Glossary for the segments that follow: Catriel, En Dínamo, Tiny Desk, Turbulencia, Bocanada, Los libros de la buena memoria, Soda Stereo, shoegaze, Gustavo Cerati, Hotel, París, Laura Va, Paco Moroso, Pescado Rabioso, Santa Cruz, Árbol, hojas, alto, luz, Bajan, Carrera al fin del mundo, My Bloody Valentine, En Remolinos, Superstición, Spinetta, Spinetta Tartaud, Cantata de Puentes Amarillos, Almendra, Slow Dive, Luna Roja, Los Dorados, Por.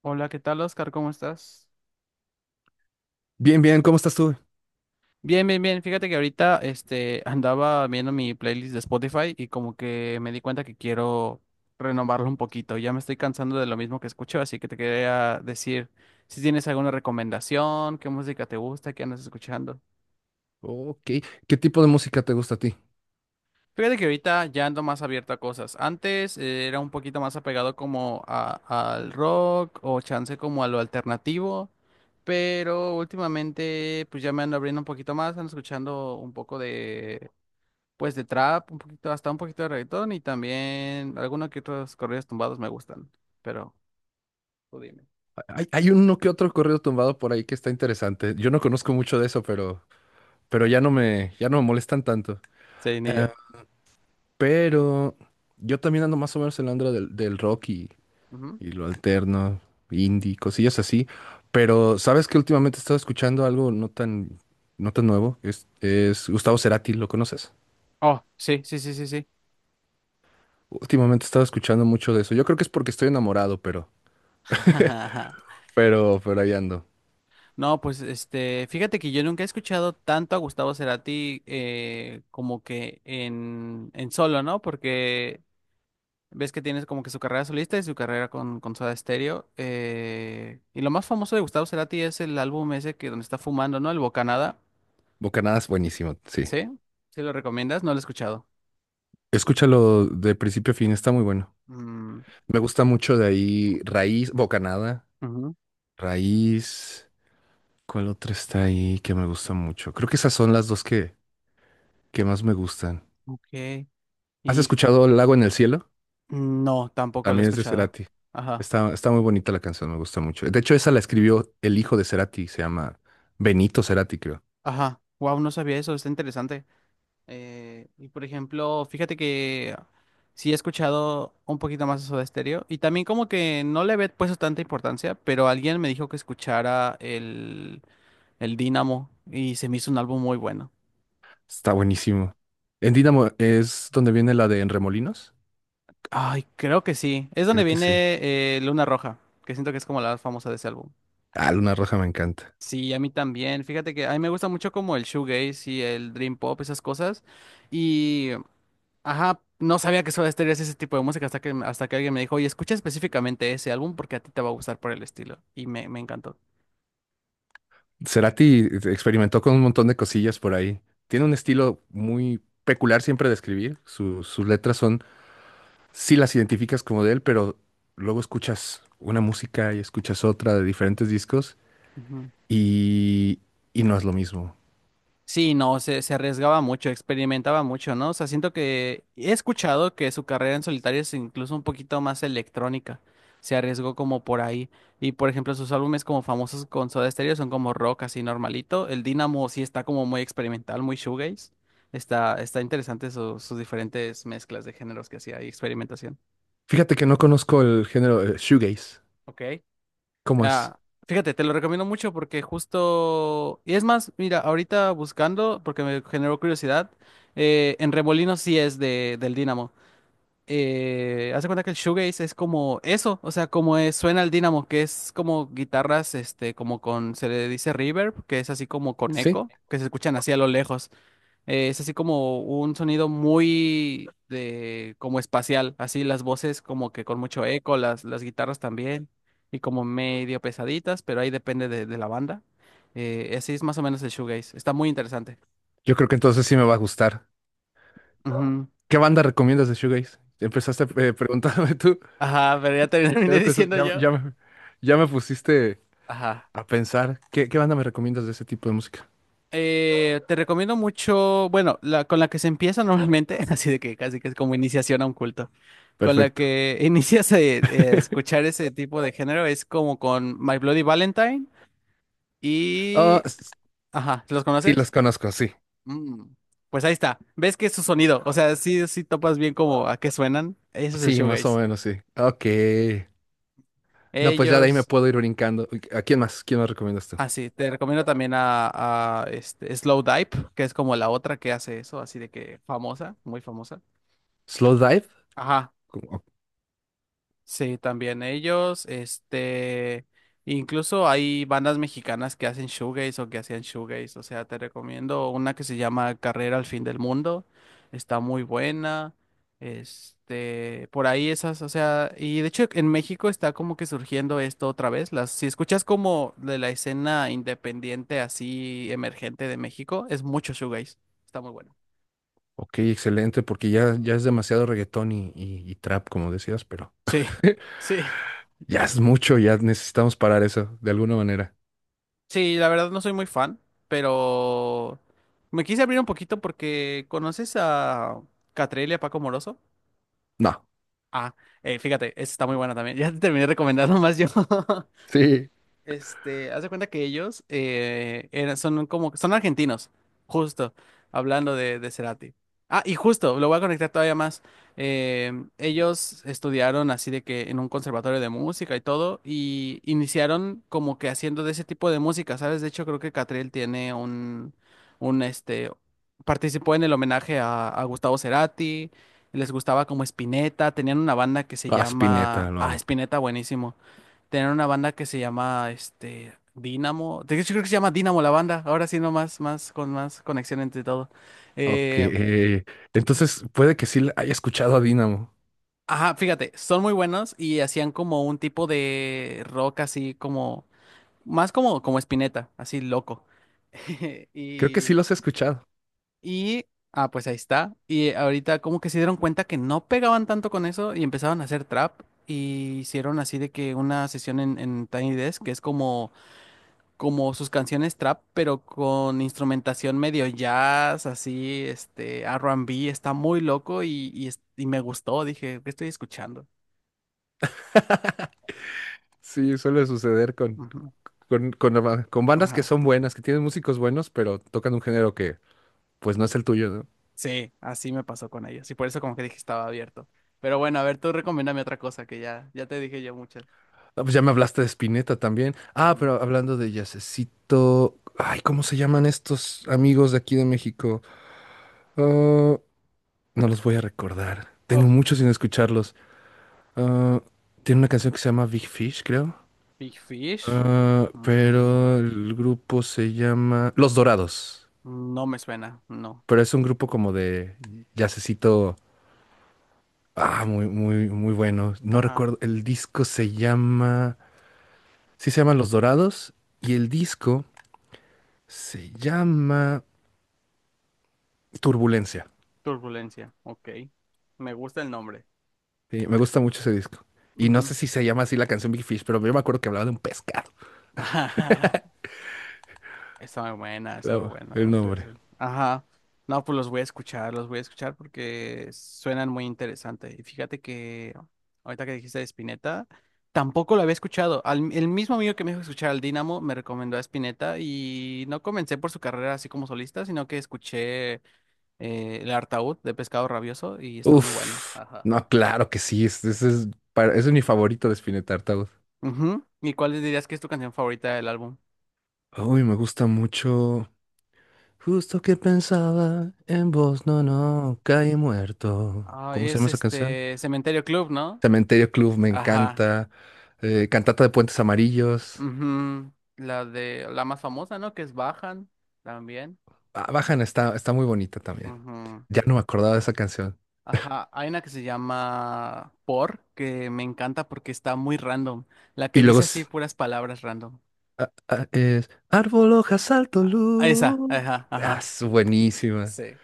Hola, ¿qué tal, Oscar? ¿Cómo estás? Bien, bien, ¿cómo estás tú? Bien, bien, bien. Fíjate que ahorita andaba viendo mi playlist de Spotify y como que me di cuenta que quiero renovarlo un poquito. Ya me estoy cansando de lo mismo que escucho, así que te quería decir si tienes alguna recomendación, qué música te gusta, qué andas escuchando. Ok, ¿qué tipo de música te gusta a ti? Fíjate que ahorita ya ando más abierto a cosas. Antes era un poquito más apegado como al rock o chance como a lo alternativo, pero últimamente pues ya me ando abriendo un poquito más, ando escuchando un poco de, pues, de trap, un poquito hasta un poquito de reggaetón y también algunos que otros corridos tumbados me gustan, pero tú dime. Hay uno que otro corrido tumbado por ahí que está interesante. Yo no conozco mucho de eso, pero, pero Ah. ya no me, ya no me molestan tanto. Sí, ni yo. Pero yo también ando más o menos en la onda del rock Ujú. y lo alterno, indie, cosillas así. Pero sabes que últimamente he estado escuchando algo no tan, no tan nuevo. Es Gustavo Cerati, ¿lo conoces? Oh, sí, sí, sí, sí, sí. Últimamente he estado escuchando mucho de eso. Yo creo que es porque estoy enamorado, pero, pero ahí ando. No, pues fíjate que yo nunca he escuchado tanto a Gustavo Cerati como que en solo, ¿no? Porque ves que tienes como que su carrera solista y su carrera con Soda Stereo. Y lo más famoso de Gustavo Cerati es el álbum ese que donde está fumando, ¿no? El Bocanada. Bocanadas, buenísimo, sí. ¿Sí? ¿Sí lo recomiendas? No lo he escuchado. Escúchalo de principio a fin, está muy bueno. Mm, Me gusta mucho de ahí Raíz, Bocanada, ujú, Raíz. ¿Cuál otra está ahí que me gusta mucho? Creo que esas son las dos que más me gustan. ok. ¿Has Y escuchado Lago en el cielo? No, tampoco lo he También es de escuchado. Cerati. Ajá. Está muy bonita la canción, me gusta mucho. De hecho, esa la escribió el hijo de Cerati, se llama Benito Cerati, creo. Ajá. Wow, no sabía eso, está interesante. Y por ejemplo, fíjate que sí he escuchado un poquito más eso de Stereo. Y también como que no le había puesto tanta importancia, pero alguien me dijo que escuchara el Dínamo y se me hizo un álbum muy bueno. Está buenísimo. En Dínamo es donde viene la de En Remolinos, Ay, creo que sí. Es donde creo que sí. viene Luna Roja, que siento que es como la más famosa de ese álbum. Ah, Luna Roja me encanta. Sí, a mí también. Fíjate que a mí me gusta mucho como el shoegaze y el dream pop, esas cosas. Y Ajá, no sabía que Soda Stereo hacía ese tipo de música hasta que, alguien me dijo, oye, escucha específicamente ese álbum porque a ti te va a gustar por el estilo. Y me encantó. Cerati experimentó con un montón de cosillas por ahí. Tiene un estilo muy peculiar siempre de escribir. Sus letras son, sí las identificas como de él, pero luego escuchas una música y escuchas otra de diferentes discos Ujú. y, y no es lo mismo. Sí, no, se arriesgaba mucho, experimentaba mucho, ¿no? O sea, siento que he escuchado que su carrera en solitario es incluso un poquito más electrónica. Se arriesgó como por ahí. Y por ejemplo, sus álbumes como famosos con Soda Stereo son como rock así normalito. El Dynamo sí está como muy experimental, muy shoegaze. Está interesante sus diferentes mezclas de géneros que hacía y experimentación. Fíjate que no conozco el género shoegaze. Ok. ¿Cómo es? Ah, fíjate, te lo recomiendo mucho porque justo, y es más, mira, ahorita buscando, porque me generó curiosidad, en Remolinos sí es del Dynamo. Haz de cuenta que el shoegaze es como eso, o sea, como suena el Dynamo, que es como guitarras, se le dice reverb, que es así como con Sí, eco, que se escuchan así a lo lejos. Es así como un sonido muy como espacial, así las voces como que con mucho eco, las guitarras también, y como medio pesaditas, pero ahí depende de la banda. Así es más o menos el shoegaze. Está muy interesante. yo creo que entonces sí me va a gustar. Ujú. ¿Qué banda recomiendas de shoegaze? Empezaste preguntándome tú, Ajá, pero ya terminé pero te- diciendo ya, yo. ya me ya me pusiste Ajá. a pensar, ¿qué banda me recomiendas de ese tipo de música? Te recomiendo mucho, bueno, la con la que se empieza normalmente, así de que casi que es como iniciación a un culto. Con la Perfecto. que inicias a, escuchar ese tipo de género es como con My Bloody Valentine. Ah, Y... Ajá, ¿los sí, conoces? los conozco, sí. Mm. Pues ahí está. ¿Ves que es su sonido? O sea, sí, sí topas bien como a qué suenan. Eso es el Sí, más o shoegaze. menos, sí. Ok. No, pues ya de ahí me Ellos... puedo ir brincando. Uy, ¿a quién más? ¿Quién más recomiendas tú? Ah, sí, te recomiendo también a Slow Dive, que es como la otra que hace eso, así de que famosa, muy famosa. ¿Slow Ujú. Dive? Ajá. Co- o- Sí, también ellos, incluso hay bandas mexicanas que hacen shoegaze o que hacían shoegaze, o sea, te recomiendo una que se llama Carrera al fin del mundo, está muy buena, por ahí esas, o sea, y de hecho en México está como que surgiendo esto otra vez, si escuchas como de la escena independiente así emergente de México, es mucho shoegaze, está muy bueno. Ok, excelente, porque ya, ya es demasiado reggaetón y, y trap, como decías, pero Sí, sí. ya es mucho, ya necesitamos parar eso de alguna manera. Sí, la verdad no soy muy fan, pero me quise abrir un poquito porque ¿conoces a Catriel y a Paco Moroso? No, Ah, fíjate, esa está muy buena también. Ya te terminé recomendando más yo. sí. Haz de cuenta que ellos son argentinos, justo, hablando de Cerati. Ah, y justo, lo voy a conectar todavía más. Ellos estudiaron así de que en un conservatorio de música y todo, y iniciaron como que haciendo de ese tipo de música, ¿sabes? De hecho, creo que Catriel tiene un, este, participó en el homenaje a, Gustavo Cerati, les gustaba como Spinetta, tenían una banda que se Ah, llama, Spinetta, lo amo. Spinetta, buenísimo. Tenían una banda que se llama este Dynamo. De hecho, creo que se llama Dynamo la banda. Ahora sí, no más, con más conexión entre todo. Ok. Eh, Entonces, puede que sí haya escuchado a Dynamo. ajá, fíjate, son muy buenos y hacían como un tipo de rock así como, más como Spinetta, así loco. Creo que sí Y, los he escuchado. y, pues ahí está. Y ahorita como que se dieron cuenta que no pegaban tanto con eso y empezaron a hacer trap. Y hicieron así de que una sesión en Tiny Desk, que es como sus canciones trap, pero con instrumentación medio jazz, así, R&B, está muy loco y me gustó, dije, ¿qué estoy escuchando? Sí, suele suceder con, Ujú, con con bandas que ajá. son buenas, que tienen músicos buenos, pero tocan un género que pues no es el tuyo, ¿no? Sí, así me pasó con ellos y por eso como que dije estaba abierto. Pero bueno, a ver, tú recomiéndame otra cosa que ya, ya te dije yo muchas. Ah, pues ya me hablaste de Spinetta también. Ah, Ujú. pero hablando de jazzcito, ay, ¿cómo se llaman estos amigos de aquí de México? Ah, no los voy a recordar. Tengo Oh, mucho sin escucharlos. Ah, tiene una canción que se llama Big Fish, creo. Big Fish. Ah, Mm, pero el grupo se llama Los Dorados. no me suena, no. Pero es un grupo como de jazzcito. Ah, muy, muy, muy bueno. No Ajá, recuerdo. El disco se llama. Sí, se llama Los Dorados. Y el disco se llama Turbulencia. Turbulencia, ok. Me gusta el nombre. Sí, me gusta mucho ese disco. Y no Ujú. sé si se llama así la canción Big Fish, pero yo me acuerdo que hablaba de un pescado. Está muy buena, está muy Claro, el bueno. Sí, sí. nombre. Ajá. No, pues los voy a escuchar, los voy a escuchar porque suenan muy interesantes. Y fíjate que ahorita que dijiste de Spinetta, tampoco lo había escuchado. El mismo amigo que me dijo escuchar al Dynamo me recomendó a Spinetta y no comencé por su carrera así como solista, sino que escuché El Artaud de Pescado Rabioso y está muy bueno. Uf. Ajá. No, claro que sí. Ese es, ese es mi favorito de Spinetta Tartaud. Ujú. ¿Y cuál dirías que es tu canción favorita del álbum? Uy, me gusta mucho. Justo que pensaba en vos, no, no, caí muerto. Ah, ¿Cómo se es llama esa canción? este Cementerio Club, ¿no? Cementerio Club me Ajá. encanta. Cantata de Puentes Amarillos. Ujú, la de la más famosa, ¿no? Que es Bajan también. Ah, Bajan está, está muy bonita también. Ujú. Ya no me acordaba de esa canción. Ajá, hay una que se llama Por, que me encanta porque está muy random. La que Y luego dice así puras palabras random. Es Árbol, hojas, alto, Ah, esa, luz. ajá, Ah, ajá. es buenísima. Sí.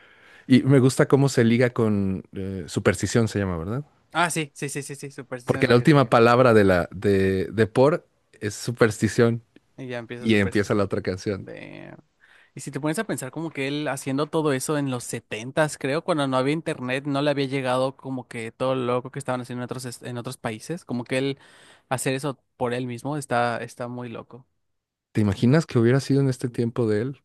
Y me gusta cómo se liga con superstición, se llama, ¿verdad? Ah, sí, sí, sí, sí, sí, Superstición es Porque la la que última sigue. palabra de la de por es superstición Y ya empieza y empieza la Superstición. otra canción. De... Y si te pones a pensar como que él haciendo todo eso en los setentas, creo, cuando no había internet, no le había llegado como que todo lo loco que estaban haciendo en otros, en otros países, como que él hacer eso por él mismo está muy loco. ¿Te imaginas que hubiera sido en este tiempo de él?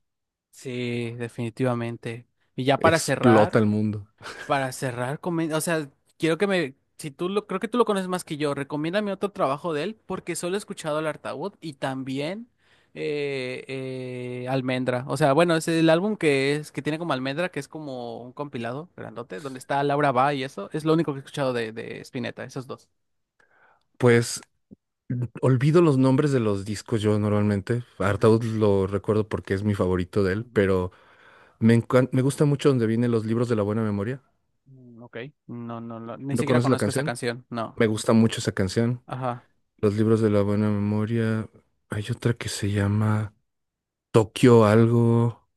Sí, definitivamente. Y ya para Explota cerrar, el mundo. para cerrar, o sea, quiero que me, si tú lo, creo que tú lo conoces más que yo, recomiéndame otro trabajo de él, porque solo he escuchado el Artaud y también Almendra. O sea, bueno, es el álbum que tiene como Almendra, que es como un compilado grandote, donde está Laura Va y eso, es lo único que he escuchado de Spinetta, esos dos. Pues olvido los nombres de los discos yo normalmente. Ujú, Artaud lo recuerdo porque es mi favorito de él, ujú. pero me gusta mucho donde vienen los libros de la buena memoria. Mm, ok. No, no, no, ni ¿No siquiera conoces la conozco esa canción? canción, no. Me gusta mucho esa canción. Ajá. Los libros de la buena memoria. Hay otra que se llama Tokio algo.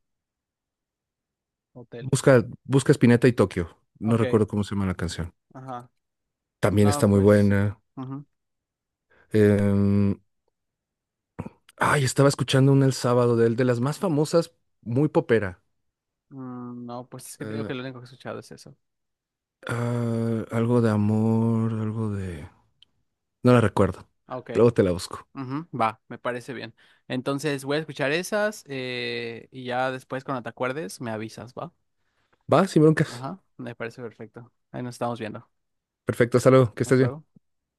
Hotel. Busca, busca Spinetta y Tokio. No Ok, recuerdo cómo se llama la canción. ajá. También está No, muy pues. buena. Ujú. Em, ay, estaba escuchando una el sábado de él, de las más famosas, muy popera. No, pues es que digo Eh, que lo único que he escuchado es eso. Algo de amor, algo de... No la recuerdo. Ah, ok. Luego te la busco. Ujú, va, me parece bien. Entonces voy a escuchar esas y ya después cuando te acuerdes me avisas, ¿va? Va, sin broncas. Ajá, me parece perfecto. Ahí nos estamos viendo. Perfecto, hasta luego, que estés Hasta luego. bien.